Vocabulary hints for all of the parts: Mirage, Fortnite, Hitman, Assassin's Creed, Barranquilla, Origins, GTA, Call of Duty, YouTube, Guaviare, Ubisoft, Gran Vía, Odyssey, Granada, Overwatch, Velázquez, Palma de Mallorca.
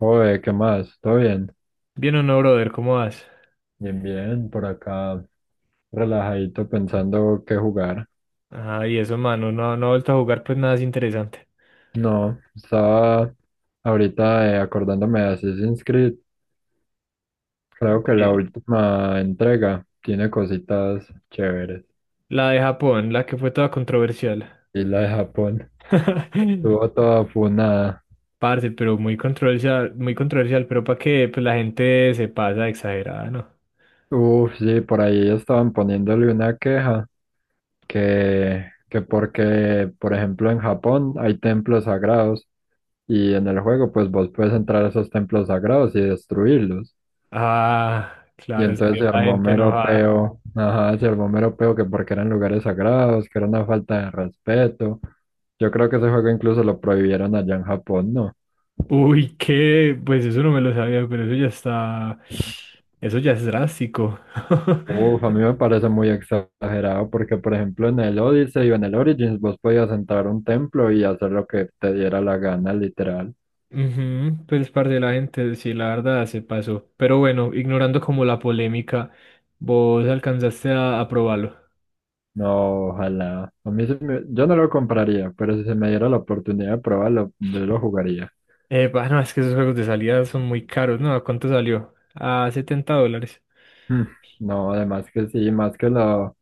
Oye, ¿qué más? ¿Todo bien? Bien o no, brother, ¿cómo vas? Bien, bien, por acá relajadito pensando qué jugar. Ah, y eso, mano, no, no ha vuelto a jugar pues nada es interesante. No, estaba ahorita acordándome de Assassin's Creed. Creo que la Eh, última entrega tiene cositas chéveres. la de Japón, la que fue toda controversial. Y la de Japón estuvo toda funada. Parce, pero muy controversial, pero para que pues, la gente se pasa de exagerada, ¿no? Uf, sí, por ahí estaban poniéndole una queja que porque, por ejemplo, en Japón hay templos sagrados y en el juego pues vos puedes entrar a esos templos sagrados y destruirlos. Ah, Y claro, entonces salió se la armó gente mero enojada. peo, ajá, se armó mero peo que porque eran lugares sagrados, que era una falta de respeto. Yo creo que ese juego incluso lo prohibieron allá en Japón, ¿no? Uy, qué, pues eso no me lo sabía, pero eso ya está, eso ya es drástico. Uf, a mí me parece muy exagerado porque, por ejemplo, en el Odyssey o en el Origins vos podías entrar a un templo y hacer lo que te diera la gana, literal. Ujú, pues parte de la gente, sí, la verdad se pasó. Pero bueno, ignorando como la polémica, vos alcanzaste a probarlo. No, ojalá. A mí yo no lo compraría, pero si se me diera la oportunidad de probarlo, yo lo jugaría. Bueno, es que esos juegos de salida son muy caros, ¿no? ¿A cuánto salió? A 70 dólares. Mm, no, además que sí, más que lo.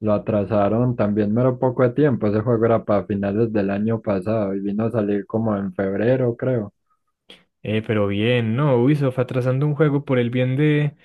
Lo atrasaron también mero poco de tiempo. Ese juego era para finales del año pasado y vino a salir como en febrero, creo. Pero bien, ¿no? Ubisoft atrasando un juego por el bien de,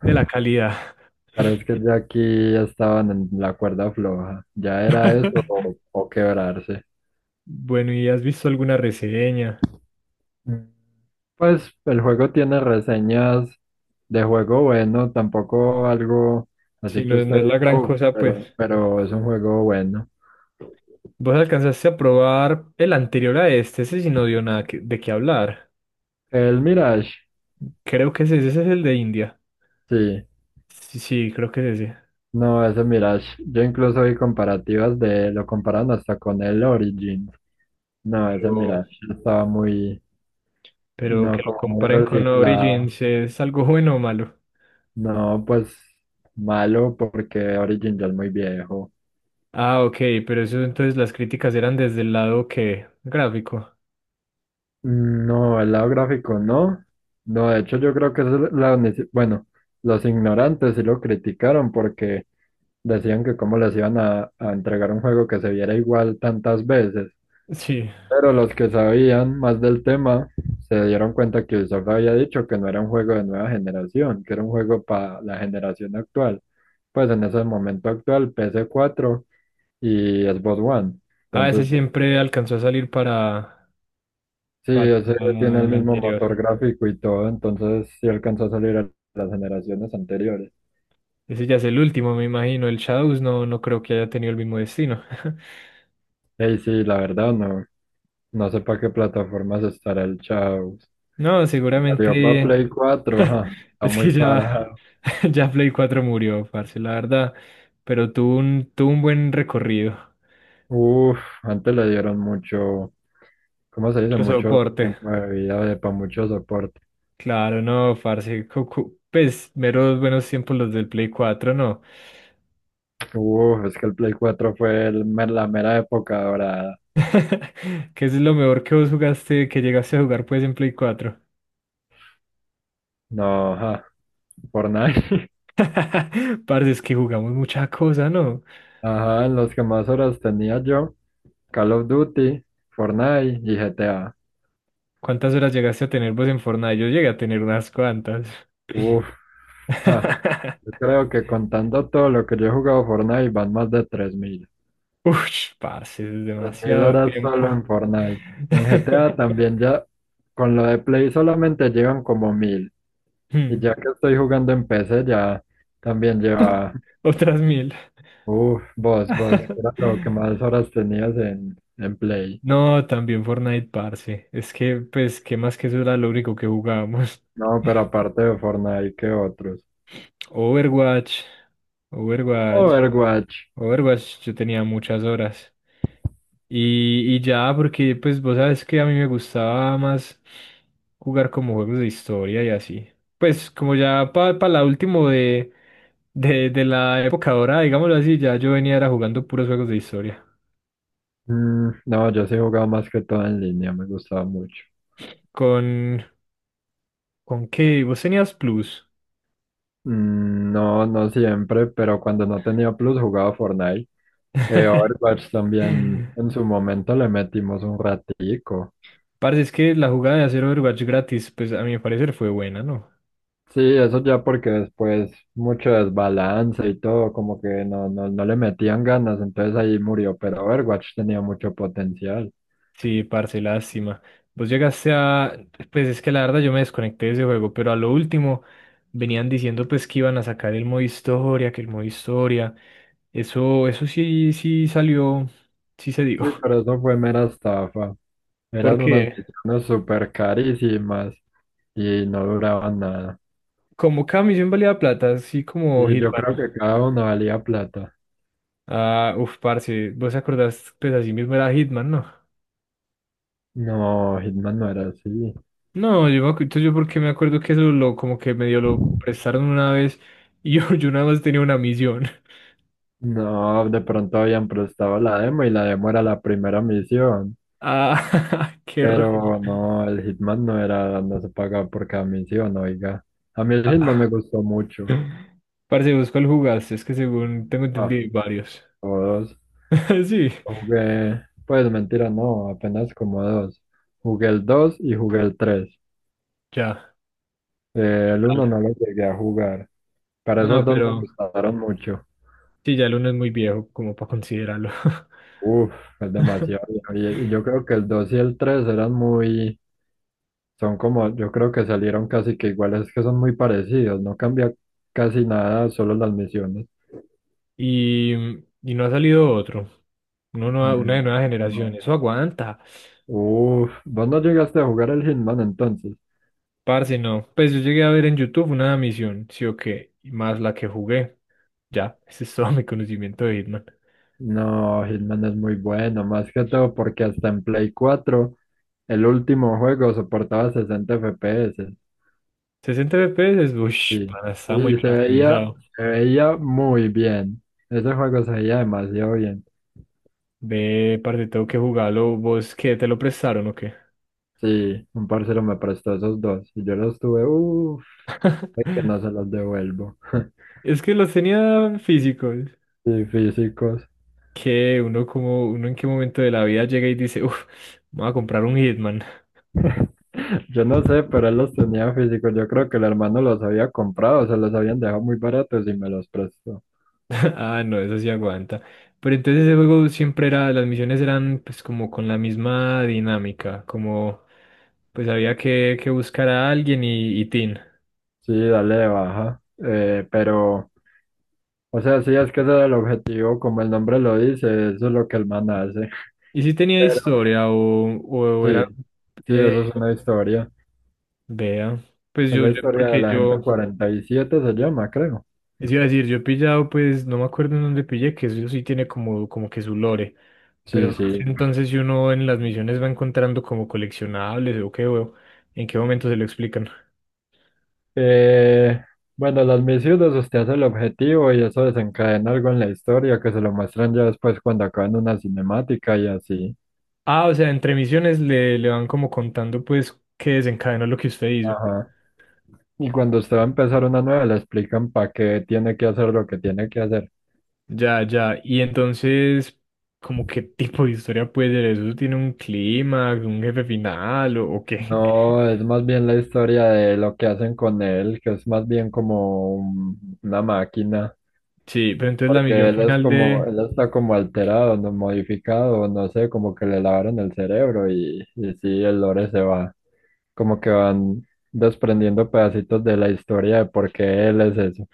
de la calidad. Parece que ya aquí estaban en la cuerda floja. Ya era eso o quebrarse. Bueno, ¿y has visto alguna reseña? Mm. Pues el juego tiene reseñas de juego bueno, tampoco algo Si así que no, no usted es la diga, gran cosa, pues. pero es un juego bueno. Vos alcanzaste a probar el anterior a este, ese sí no dio nada de qué hablar. El Mirage, Creo que ese es el de India. sí. Sí, sí, creo que es ese. No, ese Mirage. Yo incluso vi comparativas de, lo comparan hasta con el Origin. No, ese Pero, mira, yo estaba muy, Pero no, como muy comparen con pero, reciclado. Origins, ¿es algo bueno o malo? No, pues malo porque Origin ya es muy viejo. Ah, ok, pero eso entonces las críticas eran desde el lado que gráfico. Mm, no, el lado gráfico no. No, de hecho yo creo que eso es la, unici- bueno, los ignorantes sí lo criticaron porque decían que cómo les iban a entregar un juego que se viera igual tantas veces. Sí. Pero los que sabían más del tema se dieron cuenta que Ubisoft había dicho que no era un juego de nueva generación, que era un juego para la generación actual. Pues en ese momento actual, ps cuatro y Xbox One. A ese Entonces, siempre alcanzó a salir para, sí, para ese tiene el el mismo motor anterior. gráfico y todo, entonces sí alcanzó a salir a las generaciones anteriores. Ese ya es el último, me imagino. El Shadows no, no creo que haya tenido el mismo destino. Y sí, la verdad, no, no sé para qué plataformas estará el Chao. No, Sí, salió para seguramente Play cuatro, ajá, está es muy que ya, parado. ya Play 4 murió, parce, la verdad. Pero tuvo un buen recorrido. Uf, antes le dieron mucho, ¿cómo se dice? Mucho Mucho soporte. tiempo de vida para mucho soporte. Claro, no, parce. Pues, meros buenos tiempos los del Play 4, no. Uf, es que el Play 4 fue la mera época dorada. ¿Qué es lo mejor que vos jugaste, que llegaste a jugar, pues, en Play 4? No, ajá, Fortnite. Parce, es que jugamos mucha cosa, ¿no? Ajá, los que más horas tenía yo, Call of Duty, Fortnite y GTA. ¿Cuántas horas llegaste a tener vos en Fortnite? Yo llegué a tener unas cuantas. Uf, ja, yo creo que contando todo lo que yo he jugado Fortnite van más de 3.000. Ush, parce, es Tres mil demasiado horas solo tiempo. en Fortnite. En GTA también ya, con lo de Play solamente llevan como 1.000. Y Hmm. ya que estoy jugando en PC ya también lleva, Otras 1.000. uf, vos, que era lo que más horas tenías en Play. No, también Fortnite, parce. Es que, pues, ¿qué más que eso era lo único que jugábamos? No, pero aparte de Fortnite, ¿qué otros? Overwatch, Overwatch, Overwatch. Overwatch, yo tenía muchas horas. Y ya, porque pues vos sabes que a mí me gustaba más jugar como juegos de historia y así. Pues como ya para la último de, de la época dorada, digámoslo así, ya yo venía era jugando puros juegos de historia. Mm, no, yo sí jugaba más que todo en línea, me gustaba mucho. ¿Con, con qué? ¿Vos tenías Plus? Mm, no, no siempre, pero cuando no tenía Plus jugaba Fortnite. Overwatch también en su momento le metimos un ratico. Parce, es que la jugada de hacer Overwatch gratis, pues a mi parecer fue buena, ¿no? Sí, eso ya porque después mucho desbalance y todo, como que no, no, no le metían ganas, entonces ahí murió, pero Overwatch tenía mucho potencial. Sí, parce, lástima. Vos llegaste a... Pues es que la verdad yo me desconecté de ese juego, pero a lo último venían diciendo pues que iban a sacar el modo historia, que el modo historia. Eso sí, sí salió, sí se dijo. Sí, pero eso fue mera estafa. Eran unas Porque misiones súper carísimas y no duraban nada. como cada misión valía plata, así como Sí, yo Hitman. creo que cada uno valía plata. Ah, uf, parce, vos te acordás, pues así mismo era Hitman, ¿no? No, Hitman no era así. No, yo entonces yo porque me acuerdo que eso lo, como que medio lo prestaron una vez y yo nada más tenía una misión. No, de pronto habían prestado la demo y la demo era la primera misión. Ah, qué raro. Pero no, el Hitman no era, no se pagaba por cada misión, oiga. A mí el Hitman me gustó mucho. Parce, busco el jugaste, es que según tengo Ah, entendido hay varios. todos. Sí, Jugué, pues mentira, no, apenas como dos. Jugué el 2 y jugué el 3. ya. ¿Qué El uno tal? no lo llegué a jugar. Para No, esos dos me pero gustaron mucho. sí, ya el uno es muy viejo como para considerarlo. Uf, es demasiado viejo. Y yo creo que el 2 y el 3 eran muy, son como, yo creo que salieron casi que iguales, que son muy parecidos, no cambia casi nada, solo las misiones. Y, y no ha salido otro. Uno no, una de Mm, nueva generación. no. Eso aguanta. Uf, vos no llegaste a jugar el Hitman entonces. Parce, no. Pues yo llegué a ver en YouTube una misión, sí o qué, y más la que jugué. Ya, ese es todo mi conocimiento de Hitman. No, Hitman es muy bueno, más que todo porque hasta en Play 4, el último juego soportaba 60 FPS, 60 FPS, uff, sí. para, está muy Uy, y bien se veía, optimizado. se veía muy bien. Ese juego se veía demasiado bien. Ve, parce, tengo que jugarlo. ¿Vos qué? ¿Te lo prestaron o qué? Sí, un parcero me prestó esos dos y yo los tuve, uff, que no se los devuelvo. Es que los tenía físicos. Y físicos. Que uno en qué momento de la vida llega y dice, uff, voy a comprar un Hitman. Yo no sé, pero él los tenía físicos. Yo creo que el hermano los había comprado, se los habían dejado muy baratos y me los prestó. Ah, no, eso sí aguanta. Pero entonces ese juego siempre era, las misiones eran pues como con la misma dinámica, como pues había que buscar a alguien y tin. Sí, dale de baja. Pero, o sea, sí, es que ese era el objetivo, como el nombre lo dice, eso es lo que el man hace. ¿Y si tenía Pero historia o sí, era... sí, eh, eso es una historia. vea, pues Es yo, la yo, historia de porque la gente yo, 47 se llama, creo. es iba a decir, yo he pillado, pues no me acuerdo en dónde pillé, que eso sí tiene como que su lore. Pero Sí, no sé sí, entonces si uno en las misiones va encontrando como coleccionables o qué, o en qué momento se lo explican. Eh, bueno, las misiones, usted hace el objetivo y eso desencadena algo en la historia que se lo muestran ya después cuando acaban una cinemática y así. Ah, o sea, entre misiones le van como contando pues qué desencadenó lo que usted hizo. Ajá. Y cuando usted va a empezar una nueva, le explican para qué tiene que hacer lo que tiene que hacer. Ya, ya. Y entonces, ¿como qué tipo de historia puede ser eso? ¿Tiene un clímax, un jefe final o qué? No, es más bien la historia de lo que hacen con él, que es más bien como una máquina, Sí, pero entonces la porque misión él es final como, de... él está como alterado, no modificado, no sé, como que le lavaron el cerebro y sí, el lore se va. Como que van desprendiendo pedacitos de la historia de por qué él es eso.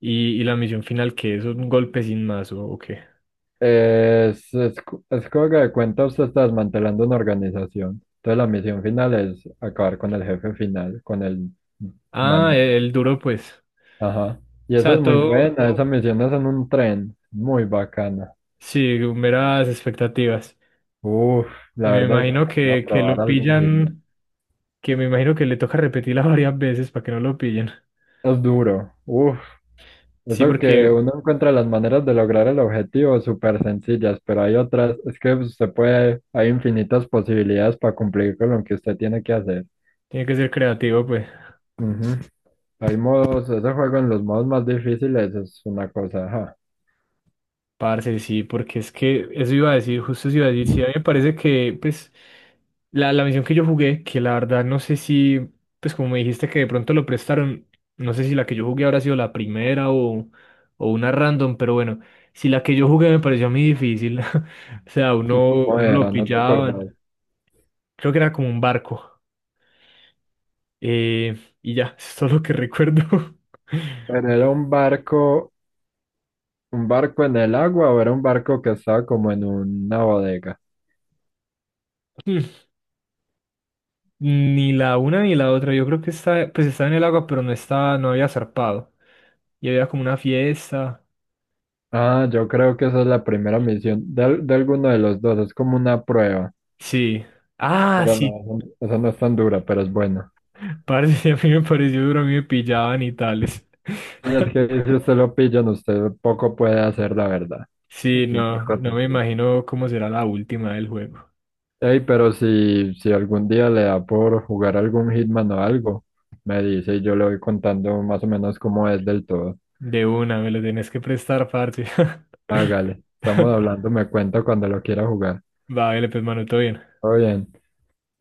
Y la misión final que es un golpe sin más o qué. Es como que de cuenta usted está desmantelando una organización. Entonces la misión final es acabar con el jefe final, con el Ah, manda. el duro pues. Ajá. Y O esa es sea, muy todo, buena. Esa, no, misión es en un tren, muy bacana. sí, meras expectativas. Uf, Y la me verdad, imagino voy a que probar lo algo. pillan, que me imagino que le toca repetirla varias veces para que no lo pillen. Es duro, uf, Sí, eso que porque uno encuentra las maneras de lograr el objetivo súper sencillas, pero hay otras, es que usted puede, hay infinitas posibilidades para cumplir con lo que usted tiene que hacer. tiene que ser creativo, pues. Ujú. Hay modos, ese juego en los modos más difíciles es una cosa, ajá. Parce, sí, porque es que eso iba a decir, justo eso iba a decir, sí, a mí me parece que, pues, la misión que yo jugué, que la verdad no sé si, pues como me dijiste que de pronto lo prestaron, no sé si la que yo jugué habrá sido la primera o una random, pero bueno, si la que yo jugué me pareció a mí difícil, o sea, ¿Y uno, cómo uno lo era? No te pillaban, acordás. creo que era como un barco. Eh, y ya, eso es todo lo que recuerdo. Pero era un barco en el agua o era un barco que estaba como en una bodega. Hmm. Ni la una ni la otra. Yo creo que está, pues estaba en el agua, pero no estaba, no había zarpado. Y había como una fiesta. Ah, yo creo que esa es la primera misión de, de alguno de los dos, es como una prueba. Sí. Ah, Pero no, sí. eso no es tan dura, pero es bueno. Parce, a mí me pareció duro, a mí me pillaban y tales. Y es que si usted lo pillan, usted poco puede hacer, la verdad. Es Sí, una no, cosa no me así. imagino cómo será la última del juego. Ey, pero si algún día le da por jugar algún Hitman o algo, me dice y yo le voy contando más o menos cómo es del todo. De una, me lo tenés que prestar, parce. Hágale, estamos hablando, me cuenta cuando lo quiera jugar. Va, vale, pues, mano, todo bien. Todo bien.